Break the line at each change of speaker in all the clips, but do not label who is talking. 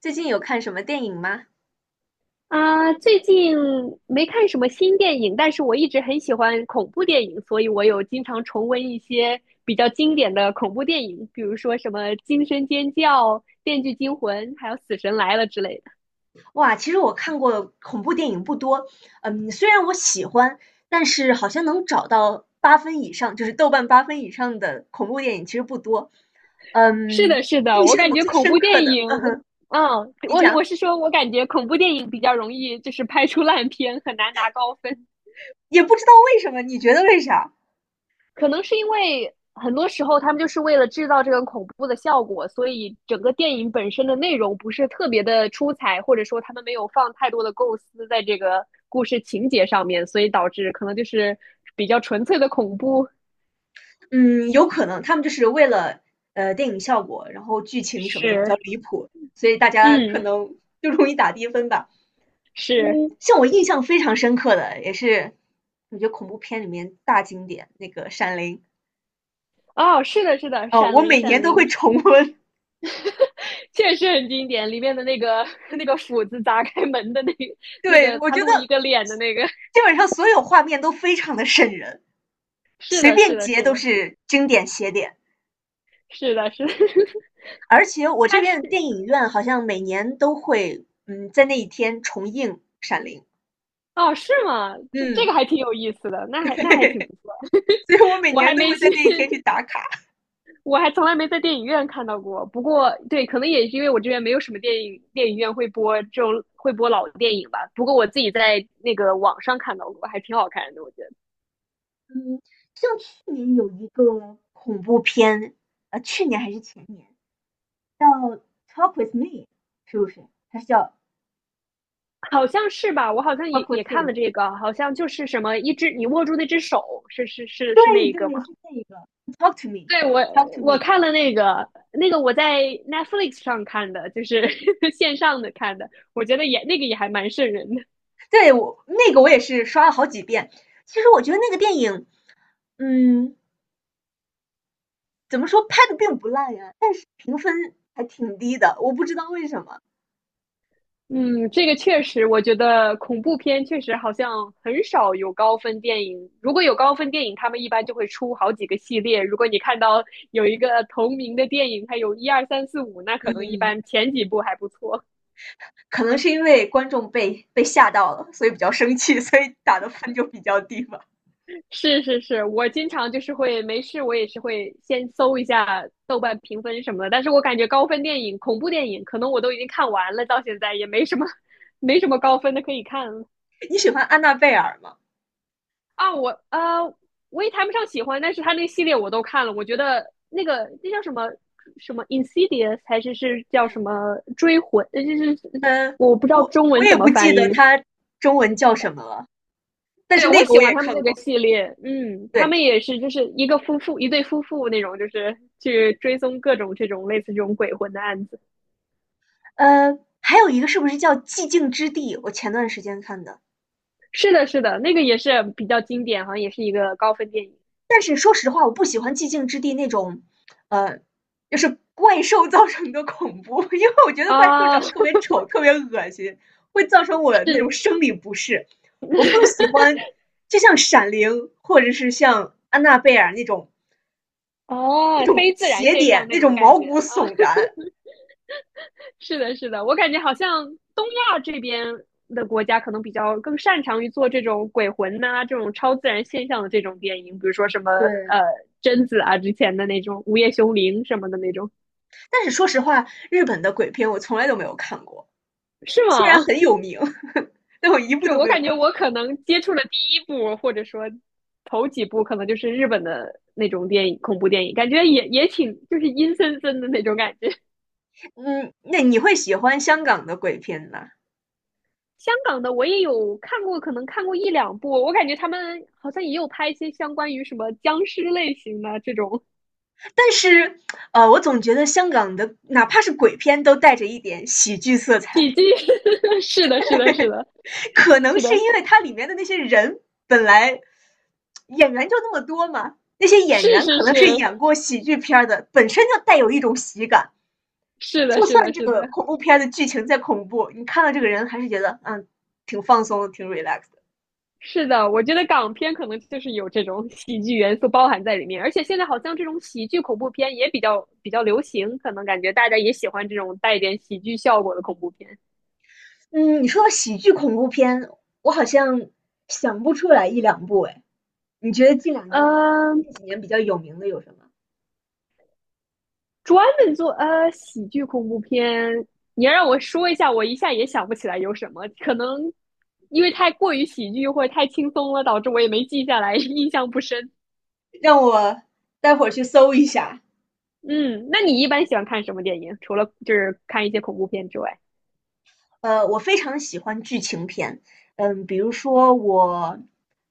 最近有看什么电影吗？
啊，最近没看什么新电影，但是我一直很喜欢恐怖电影，所以我有经常重温一些比较经典的恐怖电影，比如说什么《惊声尖叫》《电锯惊魂》，还有《死神来了》之类的。
哇，其实我看过恐怖电影不多，虽然我喜欢，但是好像能找到八分以上，就是豆瓣八分以上的恐怖电影其实不多。
是的，是的，
印
我
象
感觉
最
恐
深
怖
刻
电
的，
影，
嗯哼。
嗯，
你
我
讲，
是说，我感觉恐怖电影比较容易就是拍出烂片，很难拿高分。
也不知道为什么，你觉得为啥？
可能是因为很多时候他们就是为了制造这种恐怖的效果，所以整个电影本身的内容不是特别的出彩，或者说他们没有放太多的构思在这个故事情节上面，所以导致可能就是比较纯粹的恐怖。
嗯，有可能他们就是为了电影效果，然后剧情什么的比较
是，
离谱，所以大家可
嗯，
能就容易打低分吧。
是。
嗯，像我印象非常深刻的，也是我觉得恐怖片里面大经典那个《闪灵》。
哦，是的，是的，
哦，
《闪
我
灵》
每
《闪
年都
灵》
会重温。
确实很经典，里面的那个 那个斧子砸开门的那个 那
对，
个，
我
他
觉
露一
得
个脸的那个，
基本上所有画面都非常的瘆人，
是
随
的，是
便
的，
截
是
都
的，
是经典写点。
是的，是的，
而且 我
他
这边的
是
电影院好像每年都会，在那一天重映《闪灵》。
哦，是吗？这这
嗯，
个还挺有意思的，那还那还挺不错。
所以我每
我还
年都
没
会
去，
在那一天去 打卡。
我还从来没在电影院看到过。不过，对，可能也是因为我这边没有什么电影院会播这种会播老电影吧。不过我自己在那个网上看到过，还挺好看的，我觉得
嗯，像去年有一个恐怖片，去年还是前年，叫 Talk with me，是不是？还是叫
好像是吧？我好像也
Talk
也
with
看了
him。
这个，好像就是什么一只你握住那只手，是是是
对
是那一
对，
个吗？
是这一个 Talk to
对，我
me，Talk to
我
me。
看了那个我在 Netflix 上看的，就是 线上的看的，我觉得也那个也还蛮瘆人的。
对，我那个我也是刷了好几遍。其实我觉得那个电影，嗯，怎么说拍的并不烂呀，但是评分还挺低的，我不知道为什么。
嗯，这个确实，我觉得恐怖片确实好像很少有高分电影。如果有高分电影，他们一般就会出好几个系列。如果你看到有一个同名的电影，它有一二三四五，那可能一
嗯，
般前几部还不错。
可能是因为观众被吓到了，所以比较生气，所以打的分就比较低吧。
是是是，我经常就是会没事，我也是会先搜一下豆瓣评分什么的。但是我感觉高分电影、恐怖电影，可能我都已经看完了，到现在也没什么 没什么高分的可以看了。
你喜欢安娜贝尔吗？
啊，我我也谈不上喜欢，但是他那系列我都看了，我觉得那个那叫什么什么 Insidious 还是叫什么追魂，就是
嗯，
我不知道
我
中
我
文
也
怎么
不记
翻
得
译。
她中文叫什么了，但
对，
是
我
那个
喜
我
欢
也
他们
看
那个
过。
系列，嗯，他
对，
们也是就是一个夫妇，一对夫妇那种，就是去追踪各种这种类似这种鬼魂的案子。
还有一个是不是叫寂静之地？我前段时间看的，
是的，是的，那个也是比较经典，好像也是一个高分电影
但是说实话，我不喜欢寂静之地那种，呃，就是怪兽造成的恐怖。因为我觉得怪兽长
啊，
得
是
特别丑，特别恶心，会造成我那种生理不适。我更喜 欢，就像闪灵或者是像安娜贝尔那种
哦，非自然
邪
现
典，
象那
那
种
种
感
毛
觉
骨
啊。
悚然。
是的，是的，我感觉好像东亚这边的国家可能比较更擅长于做这种鬼魂呐、这种超自然现象的这种电影，比如说什么
对，
呃贞子啊之前的那种《午夜凶铃》什么的那种，
但是说实话，日本的鬼片我从来都没有看过，
是
虽然
吗？
很有名，但我一部
是
都
我
没有。
感觉我可能接触了第一部，或者说头几部，可能就是日本的那种电影，恐怖电影，感觉也挺就是阴森森的那种感觉。
嗯，那你会喜欢香港的鬼片吗？
香港的我也有看过，可能看过一两部，我感觉他们好像也有拍一些相关于什么僵尸类型的这种
但是，我总觉得香港的哪怕是鬼片都带着一点喜剧色 彩，
喜剧。是的，是的，是的，
可能
是的，
是因为它里面的那些人本来演员就那么多嘛，那些演
是
员
是
可能是
是
演过喜剧片儿的，本身就带有一种喜感。
是的，
就
是的，
算这
是的，
个恐怖片儿的剧情再恐怖，你看到这个人还是觉得挺放松的，挺 relax 的。
是的。我觉得港片可能就是有这种喜剧元素包含在里面，而且现在好像这种喜剧恐怖片也比较流行，可能感觉大家也喜欢这种带一点喜剧效果的恐怖片。
嗯，你说到喜剧恐怖片，我好像想不出来一两部哎。你觉得近2年、近
嗯，
几年比较有名的有什么？
专门做喜剧恐怖片，你要让我说一下，我一下也想不起来有什么。可能因为太过于喜剧或者太轻松了，导致我也没记下来，印象不深。
让我待会儿去搜一下。
嗯，那你一般喜欢看什么电影？除了就是看一些恐怖片之外，
我非常喜欢剧情片，比如说我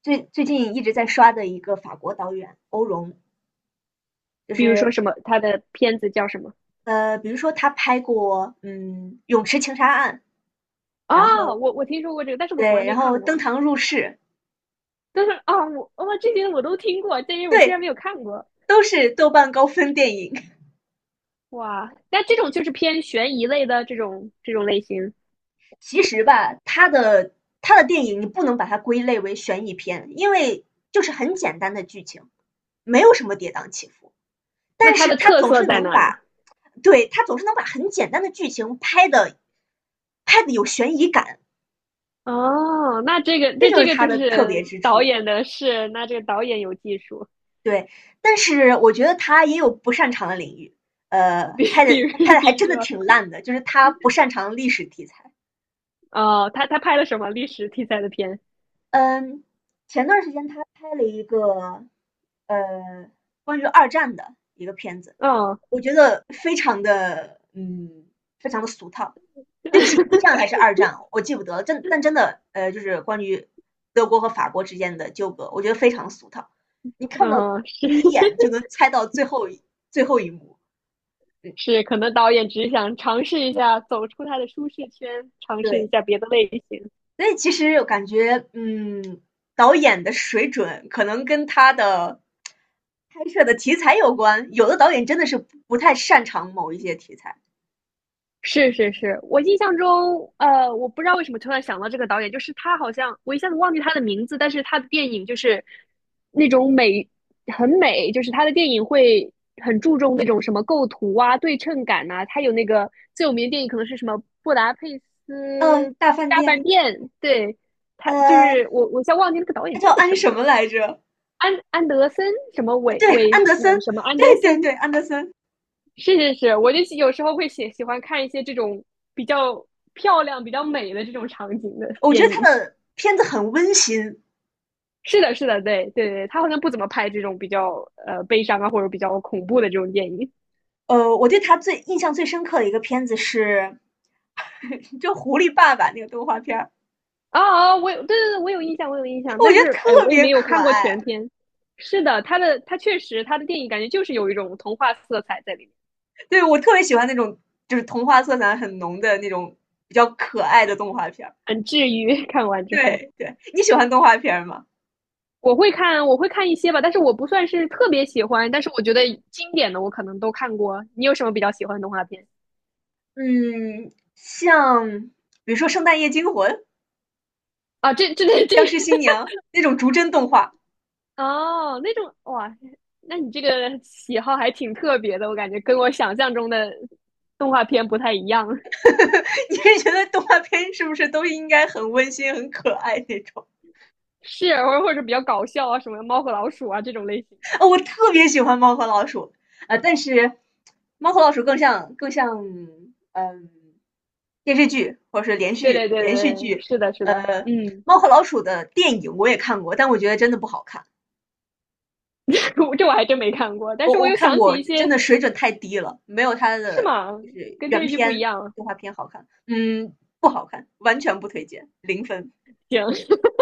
最近一直在刷的一个法国导演欧容，就
比如说
是
什么，他的片子叫什么？
比如说他拍过《泳池情杀案》，然
啊，
后
我我听说过这个，但是我从来
对，
没
然后
看
《登
过。
堂入室》，
但是啊，我这些我都听过，但是我居
对，
然没有看过。
都是豆瓣高分电影。
哇，那这种就是偏悬疑类的这种类型，
其实吧，他的电影你不能把它归类为悬疑片，因为就是很简单的剧情，没有什么跌宕起伏。
那
但
它
是
的
他
特
总
色
是
在
能
哪里？
把，对，他总是能把很简单的剧情拍的有悬疑感，
哦，那这个
这
这
就
这
是
个
他
就
的特别
是
之
导
处。
演的事，那这个导演有技术，
对，但是我觉得他也有不擅长的领域，
比
拍
比
的
如
拍的还
比如
真的
说，
挺烂的，就是他不擅长历史题材。
哦，他拍了什么历史题材的片？
嗯，前段时间他拍了一个呃关于二战的一个片子，
哦，
我觉得非常的非常的俗套。对不起，一战 还是二战，我记不得了。但真的就是关于德国和法国之间的纠葛，我觉得非常俗套。你看到
哦，是
第一眼就能猜到最后一幕。嗯，
是，可能导演只想尝试一下走出他的舒适圈，尝试一
对。
下别的类型。
所以其实我感觉，导演的水准可能跟他的拍摄的题材有关。有的导演真的是不太擅长某一些题材。
是是是，我印象中，呃，我不知道为什么突然想到这个导演，就是他好像我一下子忘记他的名字，但是他的电影就是那种美，很美，就是他的电影会很注重那种什么构图啊、对称感呐、他有那个最有名的电影可能是什么《布达佩斯
大饭
大
店。
饭店》，对，他就
呃，
是我，我一下忘记那个导演
他
叫
叫安
什
什
么，
么来着？
安德森什么韦
对，
韦
安德森，
韦什么安德
对对
森，
对，安德森。
是是是，我就有时候会喜欢看一些这种比较漂亮、比较美的这种场景的
我觉
电
得他
影。
的片子很温馨。
是的，是的，对对对，他好像不怎么拍这种比较悲伤啊或者比较恐怖的这种电影。
我对他最印象最深刻的一个片子是 就《狐狸爸爸》那个动画片儿，
啊啊，我有对对对，我有印象，我有印象，
我
但
觉得
是哎，
特
我也
别
没有
可
看过
爱。
全片。是的，他确实他的电影感觉就是有一种童话色彩在里面，
对，我特别喜欢那种就是童话色彩很浓的那种比较可爱的动画片儿。
很治愈。看完之后，
对对，你喜欢动画片儿吗？
我会看一些吧，但是我不算是特别喜欢，但是我觉得经典的我可能都看过。你有什么比较喜欢的动画片？
嗯，像比如说《圣诞夜惊魂》
啊，这
《僵尸新娘》那种逐帧动画。
哦，那种哇，那你这个喜好还挺特别的，我感觉跟我想象中的动画片不太一样，
你是觉得动画片是不是都应该很温馨、很可爱那种？
是，或者比较搞笑啊，什么猫和老鼠啊这种类型。
啊、我特别喜欢《猫和老鼠》。啊、但是《猫和老鼠》更像嗯电视剧或者是
对对对
连续
对对
剧。
是的，是
呃，
的，嗯，
《猫和老鼠》的电影我也看过，但我觉得真的不好看。
我这我还真没看过，但是
我
我
我
又
看
想起
过，
一
真
些，
的水准太低了，没有它
是
的
吗？
就是
跟电
原
视剧不一
片
样啊，
动画片好看。嗯，不好看，完全不推荐，0分。
行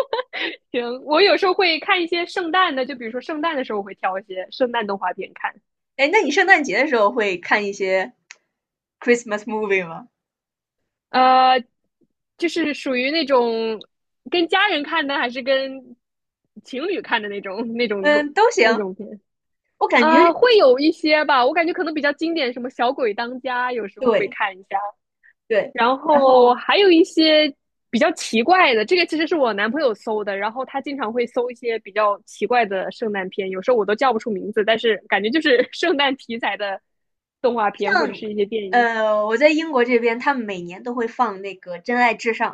行，我有时候会看一些圣诞的，就比如说圣诞的时候我会挑一些圣诞动画片看，
哎，那你圣诞节的时候会看一些 Christmas movie 吗？
呃，就是属于那种跟家人看的，还是跟情侣看的那种
嗯，都
那
行。
种片
我感
啊，
觉，
会有一些吧。我感觉可能比较经典，什么《小鬼当家》，有时候会
对
看一下。
对，
然
然后
后还有一些比较奇怪的，这个其实是我男朋友搜的，然后他经常会搜一些比较奇怪的圣诞片，有时候我都叫不出名字，但是感觉就是 圣诞题材的动画片或者
像
是一些电影。
我在英国这边，他们每年都会放那个《真爱至上》。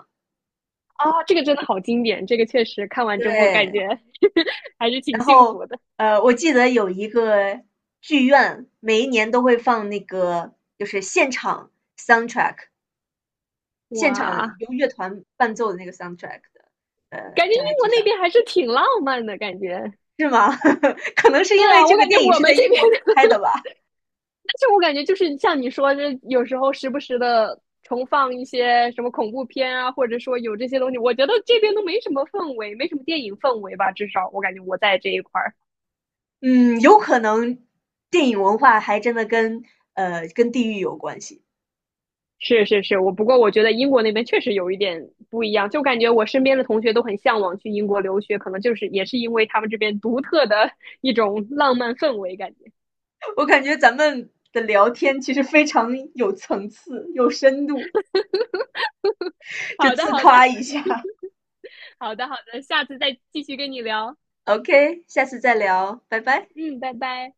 啊，这个真的好经典，这个确实看完之后感
对。
觉 还是挺幸福的。
我记得有一个剧院，每一年都会放那个就是现场 soundtrack，现场
哇，
由乐团伴奏的那个 soundtrack 的，呃，
感觉英
《障碍
国
之
那
上》
边还是挺浪漫的感觉。
是吗？可能是
是
因为
啊，
这
我
个
感觉
电影
我
是
们
在
这
英
边
国
的，
拍 的吧。
但是我感觉就是像你说，这有时候时不时的重放一些什么恐怖片啊，或者说有这些东西，我觉得这边都没什么氛围，没什么电影氛围吧，至少我感觉我在这一块儿。
嗯，有可能电影文化还真的跟地域有关系。
是是是，我不过我觉得英国那边确实有一点不一样，就感觉我身边的同学都很向往去英国留学，可能就是也是因为他们这边独特的 一种浪漫氛围感觉。
我感觉咱们的聊天其实非常有层次、有深度，就
好的，
自
好的，
夸一下。
好的，好的，下次再继续跟你聊。
OK，下次再聊，拜拜。
嗯，拜拜。